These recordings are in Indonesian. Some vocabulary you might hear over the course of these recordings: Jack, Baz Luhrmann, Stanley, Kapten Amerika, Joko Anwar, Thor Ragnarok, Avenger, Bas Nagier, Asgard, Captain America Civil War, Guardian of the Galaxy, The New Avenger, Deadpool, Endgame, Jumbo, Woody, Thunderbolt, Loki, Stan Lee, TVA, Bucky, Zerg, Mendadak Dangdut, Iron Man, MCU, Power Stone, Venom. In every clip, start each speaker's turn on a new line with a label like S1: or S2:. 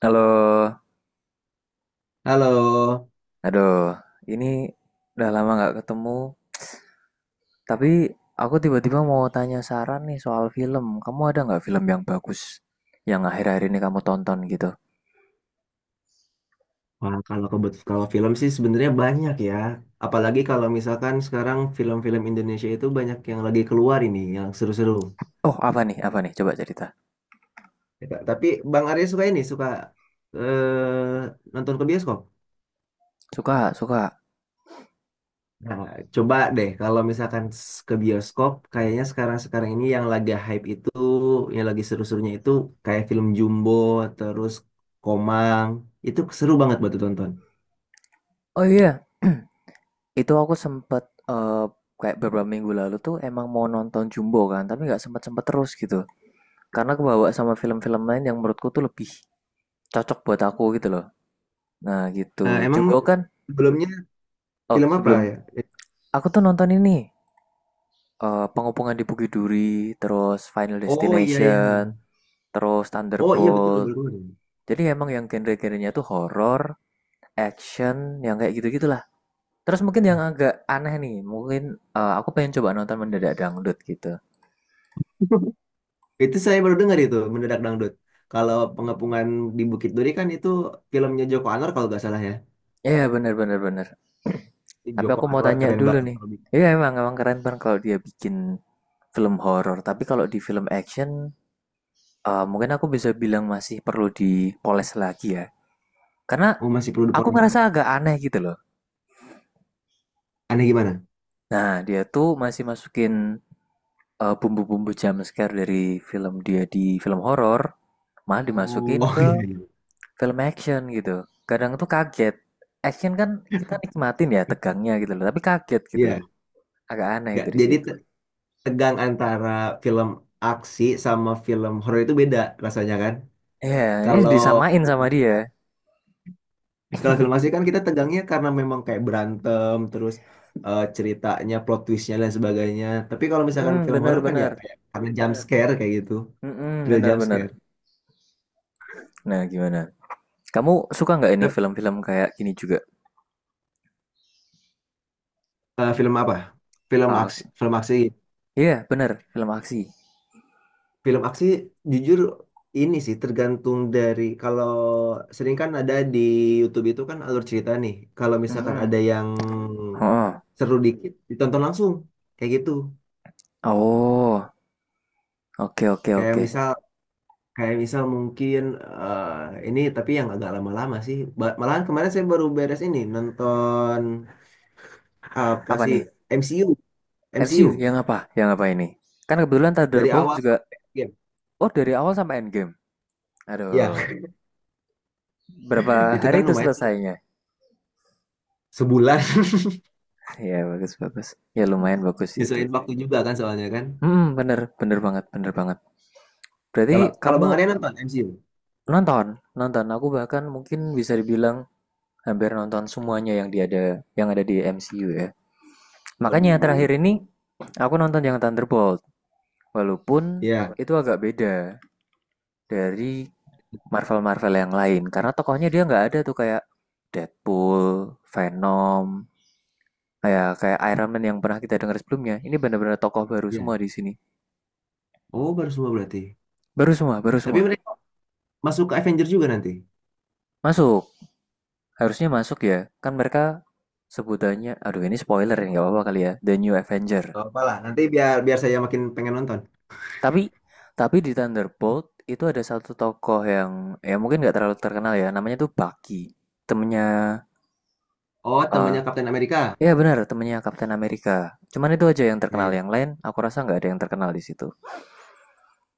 S1: Halo,
S2: Halo.
S1: aduh, ini udah lama nggak ketemu. Tapi aku tiba-tiba mau tanya saran nih soal film. Kamu ada nggak film yang bagus yang akhir-akhir ini kamu tonton gitu?
S2: Wah, kalau film sih sebenarnya banyak ya. Apalagi kalau misalkan sekarang film-film Indonesia itu banyak yang lagi keluar ini, yang seru-seru.
S1: Oh, apa nih? Apa nih? Coba cerita.
S2: Ya, tapi Bang Arya suka ini, nonton ke bioskop.
S1: Suka, suka.
S2: Nah, coba deh kalau misalkan ke bioskop, kayaknya sekarang-sekarang ini yang lagi hype itu, yang lagi seru-serunya itu kayak film Jumbo, terus Komang, itu seru banget buat ditonton.
S1: Oh iya, itu aku sempet kayak beberapa minggu lalu tuh emang mau nonton Jumbo kan, tapi nggak sempet-sempet terus gitu. Karena kebawa sama film-film lain yang menurutku tuh lebih cocok buat aku gitu loh. Nah
S2: Nah,
S1: gitu,
S2: emang
S1: Jumbo kan.
S2: sebelumnya
S1: Oh
S2: film apa
S1: sebelum
S2: ya?
S1: aku tuh nonton ini. Pengepungan di Bukit Duri, terus Final
S2: Oh, iya, iya.
S1: Destination, terus
S2: Oh iya, betul,
S1: Thunderbolt.
S2: baru dengar.
S1: Jadi emang yang genre-genrenya tuh horror action, yang kayak gitu-gitulah. Terus mungkin yang agak aneh nih, mungkin aku pengen coba nonton Mendadak Dangdut gitu.
S2: Itu saya baru dengar itu mendadak dangdut. Kalau pengepungan di Bukit Duri kan itu filmnya Joko Anwar kalau nggak salah ya.
S1: Iya yeah, bener bener bener. Tapi
S2: Joko
S1: aku mau
S2: Anwar
S1: tanya
S2: keren
S1: dulu
S2: banget
S1: nih.
S2: kalau bikin.
S1: Iya yeah, emang emang keren banget kalau dia bikin film horor. Tapi kalau di film action, mungkin aku bisa bilang masih perlu dipoles lagi ya. Karena
S2: Oh, masih perlu
S1: aku
S2: diporno.
S1: ngerasa agak aneh gitu loh.
S2: Aneh gimana?
S1: Nah, dia tuh masih masukin bumbu-bumbu jumpscare dari film dia di film horor, malah
S2: Oh
S1: dimasukin
S2: oh,
S1: ke
S2: iya, iya.
S1: film action gitu. Kadang tuh kaget. Action kan kita nikmatin ya tegangnya gitu loh, tapi kaget gitu.
S2: Iya.
S1: Agak aneh
S2: Nggak,
S1: dari
S2: jadi
S1: situ.
S2: tegang antara film aksi sama film horor itu beda rasanya kan.
S1: Ya, ini
S2: Kalau
S1: disamain sama
S2: pasti
S1: dia.
S2: Kalau film asli kan kita tegangnya karena memang kayak berantem, terus ceritanya, plot twistnya dan sebagainya. Tapi kalau misalkan
S1: Hmm,
S2: film horor kan ya
S1: bener-bener.
S2: kayak karena jump scare kayak gitu,
S1: Hmm,
S2: real jump
S1: bener-bener.
S2: scare.
S1: Nah, gimana? Kamu suka nggak ini
S2: Tep-
S1: film-film kayak gini juga?
S2: film apa? Film
S1: Ah,
S2: aksi, film aksi,
S1: iya, bener. Film aksi.
S2: film aksi jujur ini sih tergantung dari kalau sering kan ada di YouTube itu kan alur cerita nih. Kalau misalkan ada
S1: Hmm.
S2: yang
S1: Oh,
S2: seru dikit ditonton langsung kayak gitu.
S1: oh. Oke, oke,
S2: Kayak
S1: oke.
S2: misal Kayak misal mungkin eh, ini tapi yang agak lama-lama sih. Malahan kemarin saya baru beres ini nonton apa
S1: Apa
S2: sih
S1: nih?
S2: MCU, MCU
S1: MCU yang apa? Yang apa ini? Kan kebetulan
S2: dari
S1: Thunderbolt
S2: awal
S1: juga
S2: sampai akhir.
S1: oh dari awal sampai Endgame.
S2: Ya,
S1: Aduh, berapa
S2: itu
S1: hari
S2: kan
S1: itu
S2: lumayan tuh,
S1: selesainya?
S2: sebulan.
S1: ya bagus bagus. Ya lumayan bagus sih itu.
S2: Nyesuaiin waktu juga kan soalnya kan.
S1: Hmm, bener bener banget bener banget. Berarti
S2: Kalau kalau
S1: kamu
S2: Bang Arya nonton MCU.
S1: nonton nonton. Aku bahkan mungkin bisa dibilang hampir nonton semuanya yang dia ada yang ada di MCU ya. Makanya terakhir
S2: Waduh.
S1: ini aku nonton yang Thunderbolt. Walaupun
S2: Ya,
S1: itu agak beda dari Marvel-Marvel yang lain karena tokohnya dia nggak ada tuh kayak Deadpool, Venom, kayak kayak Iron Man yang pernah kita dengar sebelumnya. Ini benar-benar tokoh baru semua
S2: ya.
S1: di sini.
S2: Oh, baru semua berarti.
S1: Baru semua, baru
S2: Tapi
S1: semua.
S2: mereka masuk ke Avenger juga nanti.
S1: Masuk. Harusnya masuk ya. Kan mereka sebutannya aduh ini spoiler ya nggak apa-apa kali ya. The New Avenger.
S2: Gak apa-apa nanti biar biar saya makin pengen nonton.
S1: Tapi tapi di Thunderbolt itu ada satu tokoh yang ya mungkin nggak terlalu terkenal ya. Namanya tuh Bucky. Temennya
S2: Oh,
S1: eh,
S2: temannya Kapten Amerika.
S1: iya benar, temennya Kapten Amerika. Cuman itu aja yang
S2: Ya,
S1: terkenal.
S2: ya.
S1: Yang lain, aku rasa nggak ada yang terkenal di situ.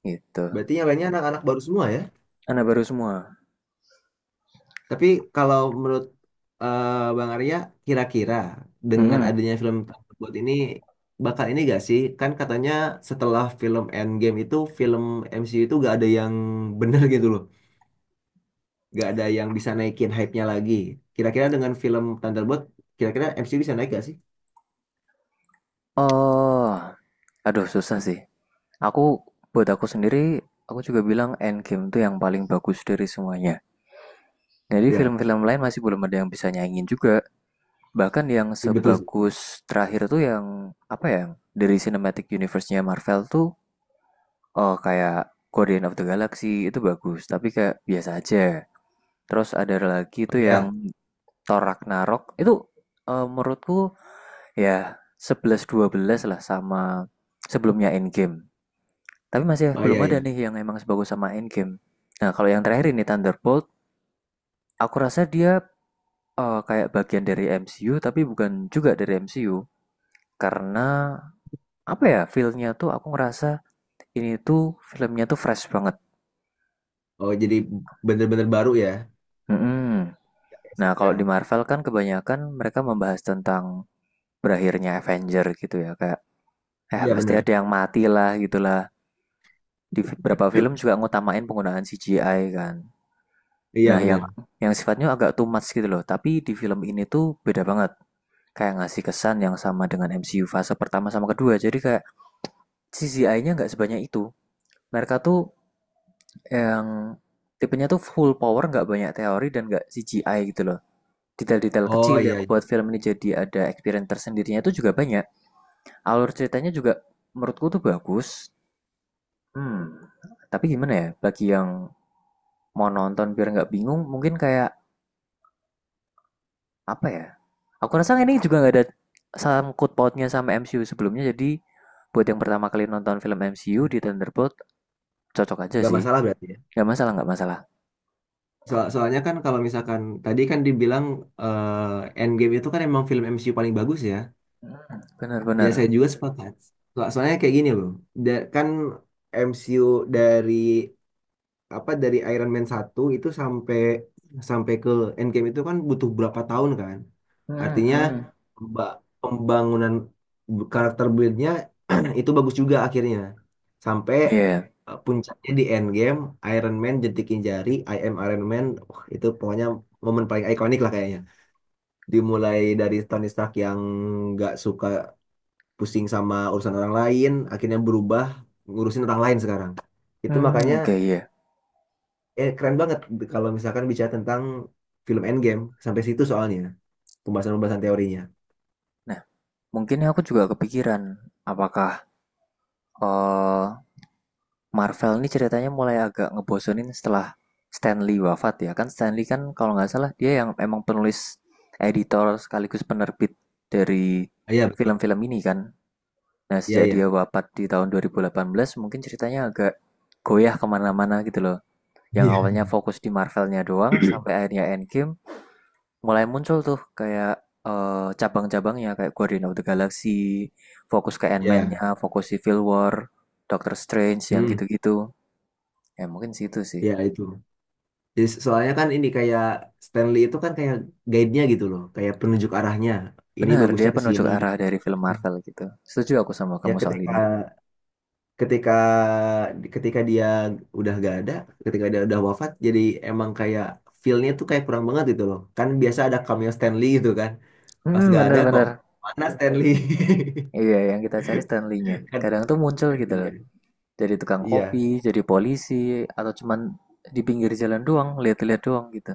S1: Gitu.
S2: Berarti yang lainnya anak-anak baru semua ya.
S1: Anak baru semua.
S2: Tapi kalau menurut Bang Arya, kira-kira dengan
S1: Mm-mm.
S2: adanya film Thunderbolt ini bakal ini gak sih? Kan katanya setelah film Endgame itu film MCU itu gak ada yang bener gitu loh. Gak ada yang bisa naikin hype-nya lagi. Kira-kira dengan film Thunderbolt, kira-kira MCU bisa naik gak sih?
S1: Oh, aduh susah sih. Aku, buat aku sendiri, aku juga bilang Endgame tuh yang paling bagus dari semuanya. Jadi
S2: Ya,
S1: film-film lain masih belum ada yang bisa nyanyiin juga. Bahkan yang
S2: betul sih.
S1: sebagus terakhir tuh yang, apa ya, dari Cinematic Universe-nya Marvel tuh, oh kayak Guardian of the Galaxy itu bagus, tapi kayak biasa aja. Terus ada lagi
S2: Oh,
S1: tuh yang
S2: iya.
S1: Thor Ragnarok itu menurutku ya sebelas dua belas lah sama sebelumnya Endgame. Tapi masih
S2: Oh,
S1: belum
S2: iya
S1: ada
S2: ya.
S1: nih yang emang sebagus sama Endgame. Nah, kalau yang terakhir ini Thunderbolt, aku rasa dia kayak bagian dari MCU tapi bukan juga dari MCU. Karena apa ya, feel-nya tuh aku ngerasa ini tuh filmnya tuh fresh banget.
S2: Oh, jadi bener-bener baru ya.
S1: Mm-mm.
S2: Gak kayak
S1: Nah, kalau
S2: sequel.
S1: di Marvel kan kebanyakan mereka membahas tentang berakhirnya Avenger gitu ya, kayak
S2: Iya
S1: pasti
S2: bener.
S1: ada yang mati lah gitulah. Di beberapa film juga ngutamain penggunaan CGI kan. Nah,
S2: Iya
S1: yang
S2: bener.
S1: yang sifatnya agak too much gitu loh, tapi di film ini tuh beda banget. Kayak ngasih kesan yang sama dengan MCU fase pertama sama kedua. Jadi kayak CGI-nya nggak sebanyak itu. Mereka tuh yang tipenya tuh full power, nggak banyak teori dan nggak CGI gitu loh. Detail-detail
S2: Oh,
S1: kecil yang
S2: iya, iya.
S1: buat film ini jadi ada experience tersendirinya itu juga banyak. Alur ceritanya juga menurutku tuh bagus. Hmm, tapi gimana ya, bagi yang mau nonton biar nggak bingung, mungkin kayak apa ya? Aku rasa ini juga nggak ada sangkut pautnya sama MCU sebelumnya, jadi buat yang pertama kali nonton film MCU di Thunderbolt cocok aja
S2: Gak
S1: sih.
S2: masalah berarti, ya?
S1: Nggak masalah, nggak masalah.
S2: Soalnya kan kalau misalkan tadi kan dibilang Endgame itu kan emang film MCU paling bagus ya. Ya,
S1: Bener-bener.
S2: saya juga sepakat. Soalnya kayak gini loh. Kan MCU dari apa dari Iron Man 1 itu sampai sampai ke Endgame itu kan butuh berapa tahun kan? Artinya pemba- pembangunan karakter build-nya itu bagus juga akhirnya. Sampai
S1: Iya.
S2: puncaknya di Endgame, Iron Man jentikin jari, "I am Iron Man." Wah, itu pokoknya momen paling ikonik lah kayaknya. Dimulai dari Tony Stark yang nggak suka pusing sama urusan orang lain, akhirnya berubah ngurusin orang lain sekarang. Itu
S1: Hmm,
S2: makanya
S1: oke iya.
S2: keren banget kalau misalkan bicara tentang film Endgame sampai situ soalnya pembahasan-pembahasan teorinya.
S1: Nah, mungkin aku juga kepikiran apakah eh, Marvel ini ceritanya mulai agak ngebosenin setelah Stanley wafat ya kan Stanley kan kalau nggak salah dia yang emang penulis editor sekaligus penerbit dari
S2: Ah, iya, betul.
S1: film-film ini kan. Nah,
S2: Iya,
S1: sejak dia
S2: iya.
S1: wafat di tahun 2018, mungkin ceritanya agak goyah kemana-mana gitu loh. Yang
S2: Iya.
S1: awalnya fokus di Marvelnya doang, sampai akhirnya Endgame mulai muncul tuh kayak cabang-cabangnya kayak Guardian of the Galaxy, fokus ke
S2: Ya,
S1: Ant-Man-nya, fokus Civil War, Doctor Strange yang
S2: hmm,
S1: gitu-gitu. Ya mungkin situ sih.
S2: ya itu. Jadi, soalnya kan ini kayak Stanley itu kan kayak guide-nya gitu loh, kayak penunjuk arahnya. Ini
S1: Benar,
S2: bagusnya
S1: dia
S2: ke
S1: penunjuk
S2: sini.
S1: arah dari film Marvel gitu. Setuju aku sama
S2: Ya
S1: kamu soal
S2: ketika
S1: ini.
S2: ketika ketika dia udah gak ada, ketika dia udah wafat, jadi emang kayak feel-nya tuh kayak kurang banget gitu loh. Kan biasa ada cameo Stanley gitu kan. Pas
S1: Hmm,
S2: gak ada kok,
S1: bener-bener.
S2: mana Stanley?
S1: Iya, yang kita cari Stan Lee-nya.
S2: Kan,
S1: Kadang tuh muncul gitu
S2: iya,
S1: loh. Jadi tukang
S2: iya,
S1: kopi, jadi polisi, atau cuman di pinggir jalan doang, lihat-lihat doang gitu.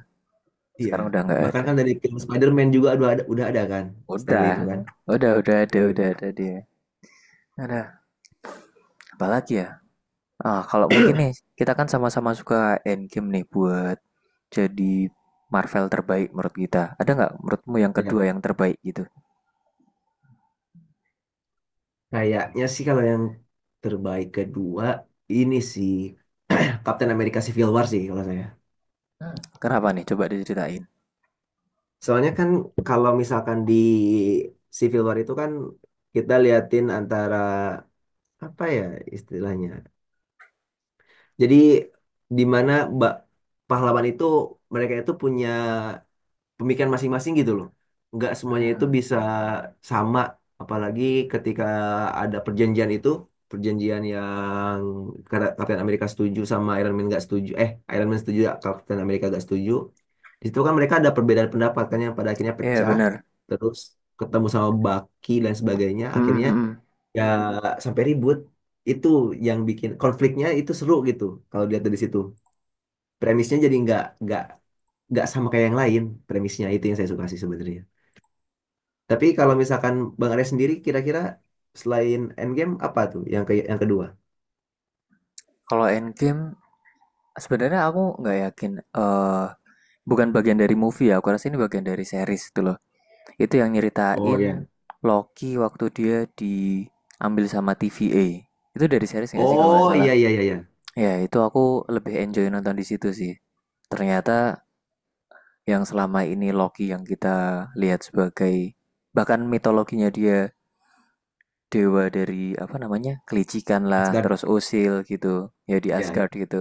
S2: iya.
S1: Sekarang udah nggak
S2: Bahkan
S1: ada.
S2: kan dari film Spider-Man juga udah ada kan Stanley itu
S1: Udah,
S2: kan. Eh,
S1: udah ada dia. Ada, apalagi ya? Ah, kalau mungkin nih, kita kan sama-sama suka Endgame nih buat jadi Marvel terbaik menurut kita. Ada nggak menurutmu yang
S2: Iya.
S1: kedua yang terbaik gitu?
S2: Kayaknya sih kalau yang terbaik kedua ini sih Captain America Civil War sih kalau saya.
S1: Hmm. Kenapa nih? Coba diceritain.
S2: Soalnya kan kalau misalkan di Civil War itu kan kita liatin antara apa ya istilahnya. Jadi di mana ba- pahlawan itu mereka itu punya pemikiran masing-masing gitu loh. Nggak
S1: Iya
S2: semuanya itu
S1: hmm.
S2: bisa sama, apalagi ketika ada perjanjian itu, perjanjian yang Kapten Amerika setuju sama Iron Man nggak setuju, eh Iron Man setuju, Kapten Amerika nggak setuju. Di situ kan mereka ada perbedaan pendapat kan yang pada akhirnya
S1: Yeah,
S2: pecah,
S1: benar.
S2: terus ketemu sama Bucky dan sebagainya,
S1: Hmm,
S2: akhirnya
S1: hmm, hmm.
S2: ya sampai ribut. Itu yang bikin konfliknya itu seru gitu kalau dilihat dari situ. Premisnya jadi nggak sama kayak yang lain premisnya itu yang saya suka sih sebenarnya. Tapi kalau misalkan Bang Arya sendiri kira-kira selain Endgame apa tuh yang yang kedua?
S1: Kalau Endgame sebenarnya aku nggak yakin, bukan bagian dari movie ya, aku rasa ini bagian dari series itu loh. Itu yang
S2: Oh
S1: nyeritain
S2: ya.
S1: Loki waktu dia diambil sama TVA. Itu dari series nggak sih kalau nggak
S2: Oh,
S1: salah?
S2: iya, iya, iya, iya.
S1: Ya itu aku lebih enjoy nonton di situ sih. Ternyata yang selama ini Loki yang kita lihat sebagai bahkan mitologinya dia dewa dari apa namanya kelicikan lah,
S2: Asgard.
S1: terus usil gitu, ya di
S2: Iya,
S1: Asgard
S2: iya.
S1: gitu.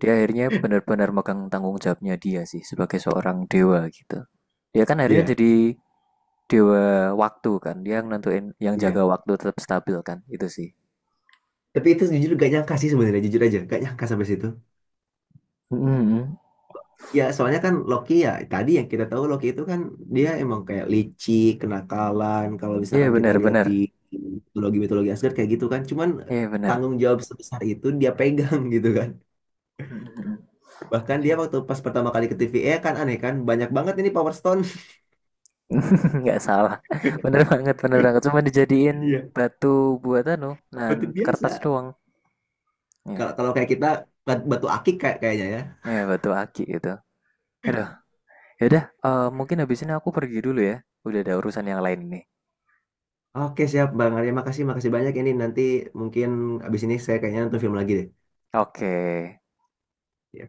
S1: Dia akhirnya benar-benar megang tanggung jawabnya dia sih sebagai seorang dewa gitu. Dia kan akhirnya
S2: Iya.
S1: jadi dewa waktu kan, dia yang nentuin yang jaga
S2: Iya.
S1: waktu tetap stabil kan, itu sih.
S2: Tapi itu jujur gak nyangka sih sebenarnya, jujur aja gak nyangka sampai situ.
S1: Mm-mm.
S2: Ya soalnya kan Loki ya tadi yang kita tahu Loki itu kan dia emang kayak licik, kenakalan. Kalau
S1: Iya
S2: misalkan kita lihat
S1: benar-benar,
S2: di mitologi-mitologi Asgard kayak gitu kan. Cuman
S1: iya benar.
S2: tanggung jawab sebesar itu dia pegang gitu kan.
S1: Mm-mm.
S2: Bahkan dia waktu pas pertama kali ke TVA kan aneh kan banyak banget ini Power Stone.
S1: Nggak salah, bener banget, bener banget. Cuma dijadiin
S2: Iya,
S1: batu buat anu, dan
S2: batu
S1: kertas
S2: biasa.
S1: doang.
S2: Kalau
S1: Ya,
S2: kalau kayak kita batu akik kayak kayaknya ya.
S1: ya batu aki itu. Aduh, yaudah, mungkin habis ini aku pergi dulu ya. Udah ada urusan yang lain nih.
S2: Oke siap Bang Arya, makasih makasih banyak ini nanti mungkin abis ini saya kayaknya nonton film lagi deh.
S1: Oke. Okay.
S2: Ya.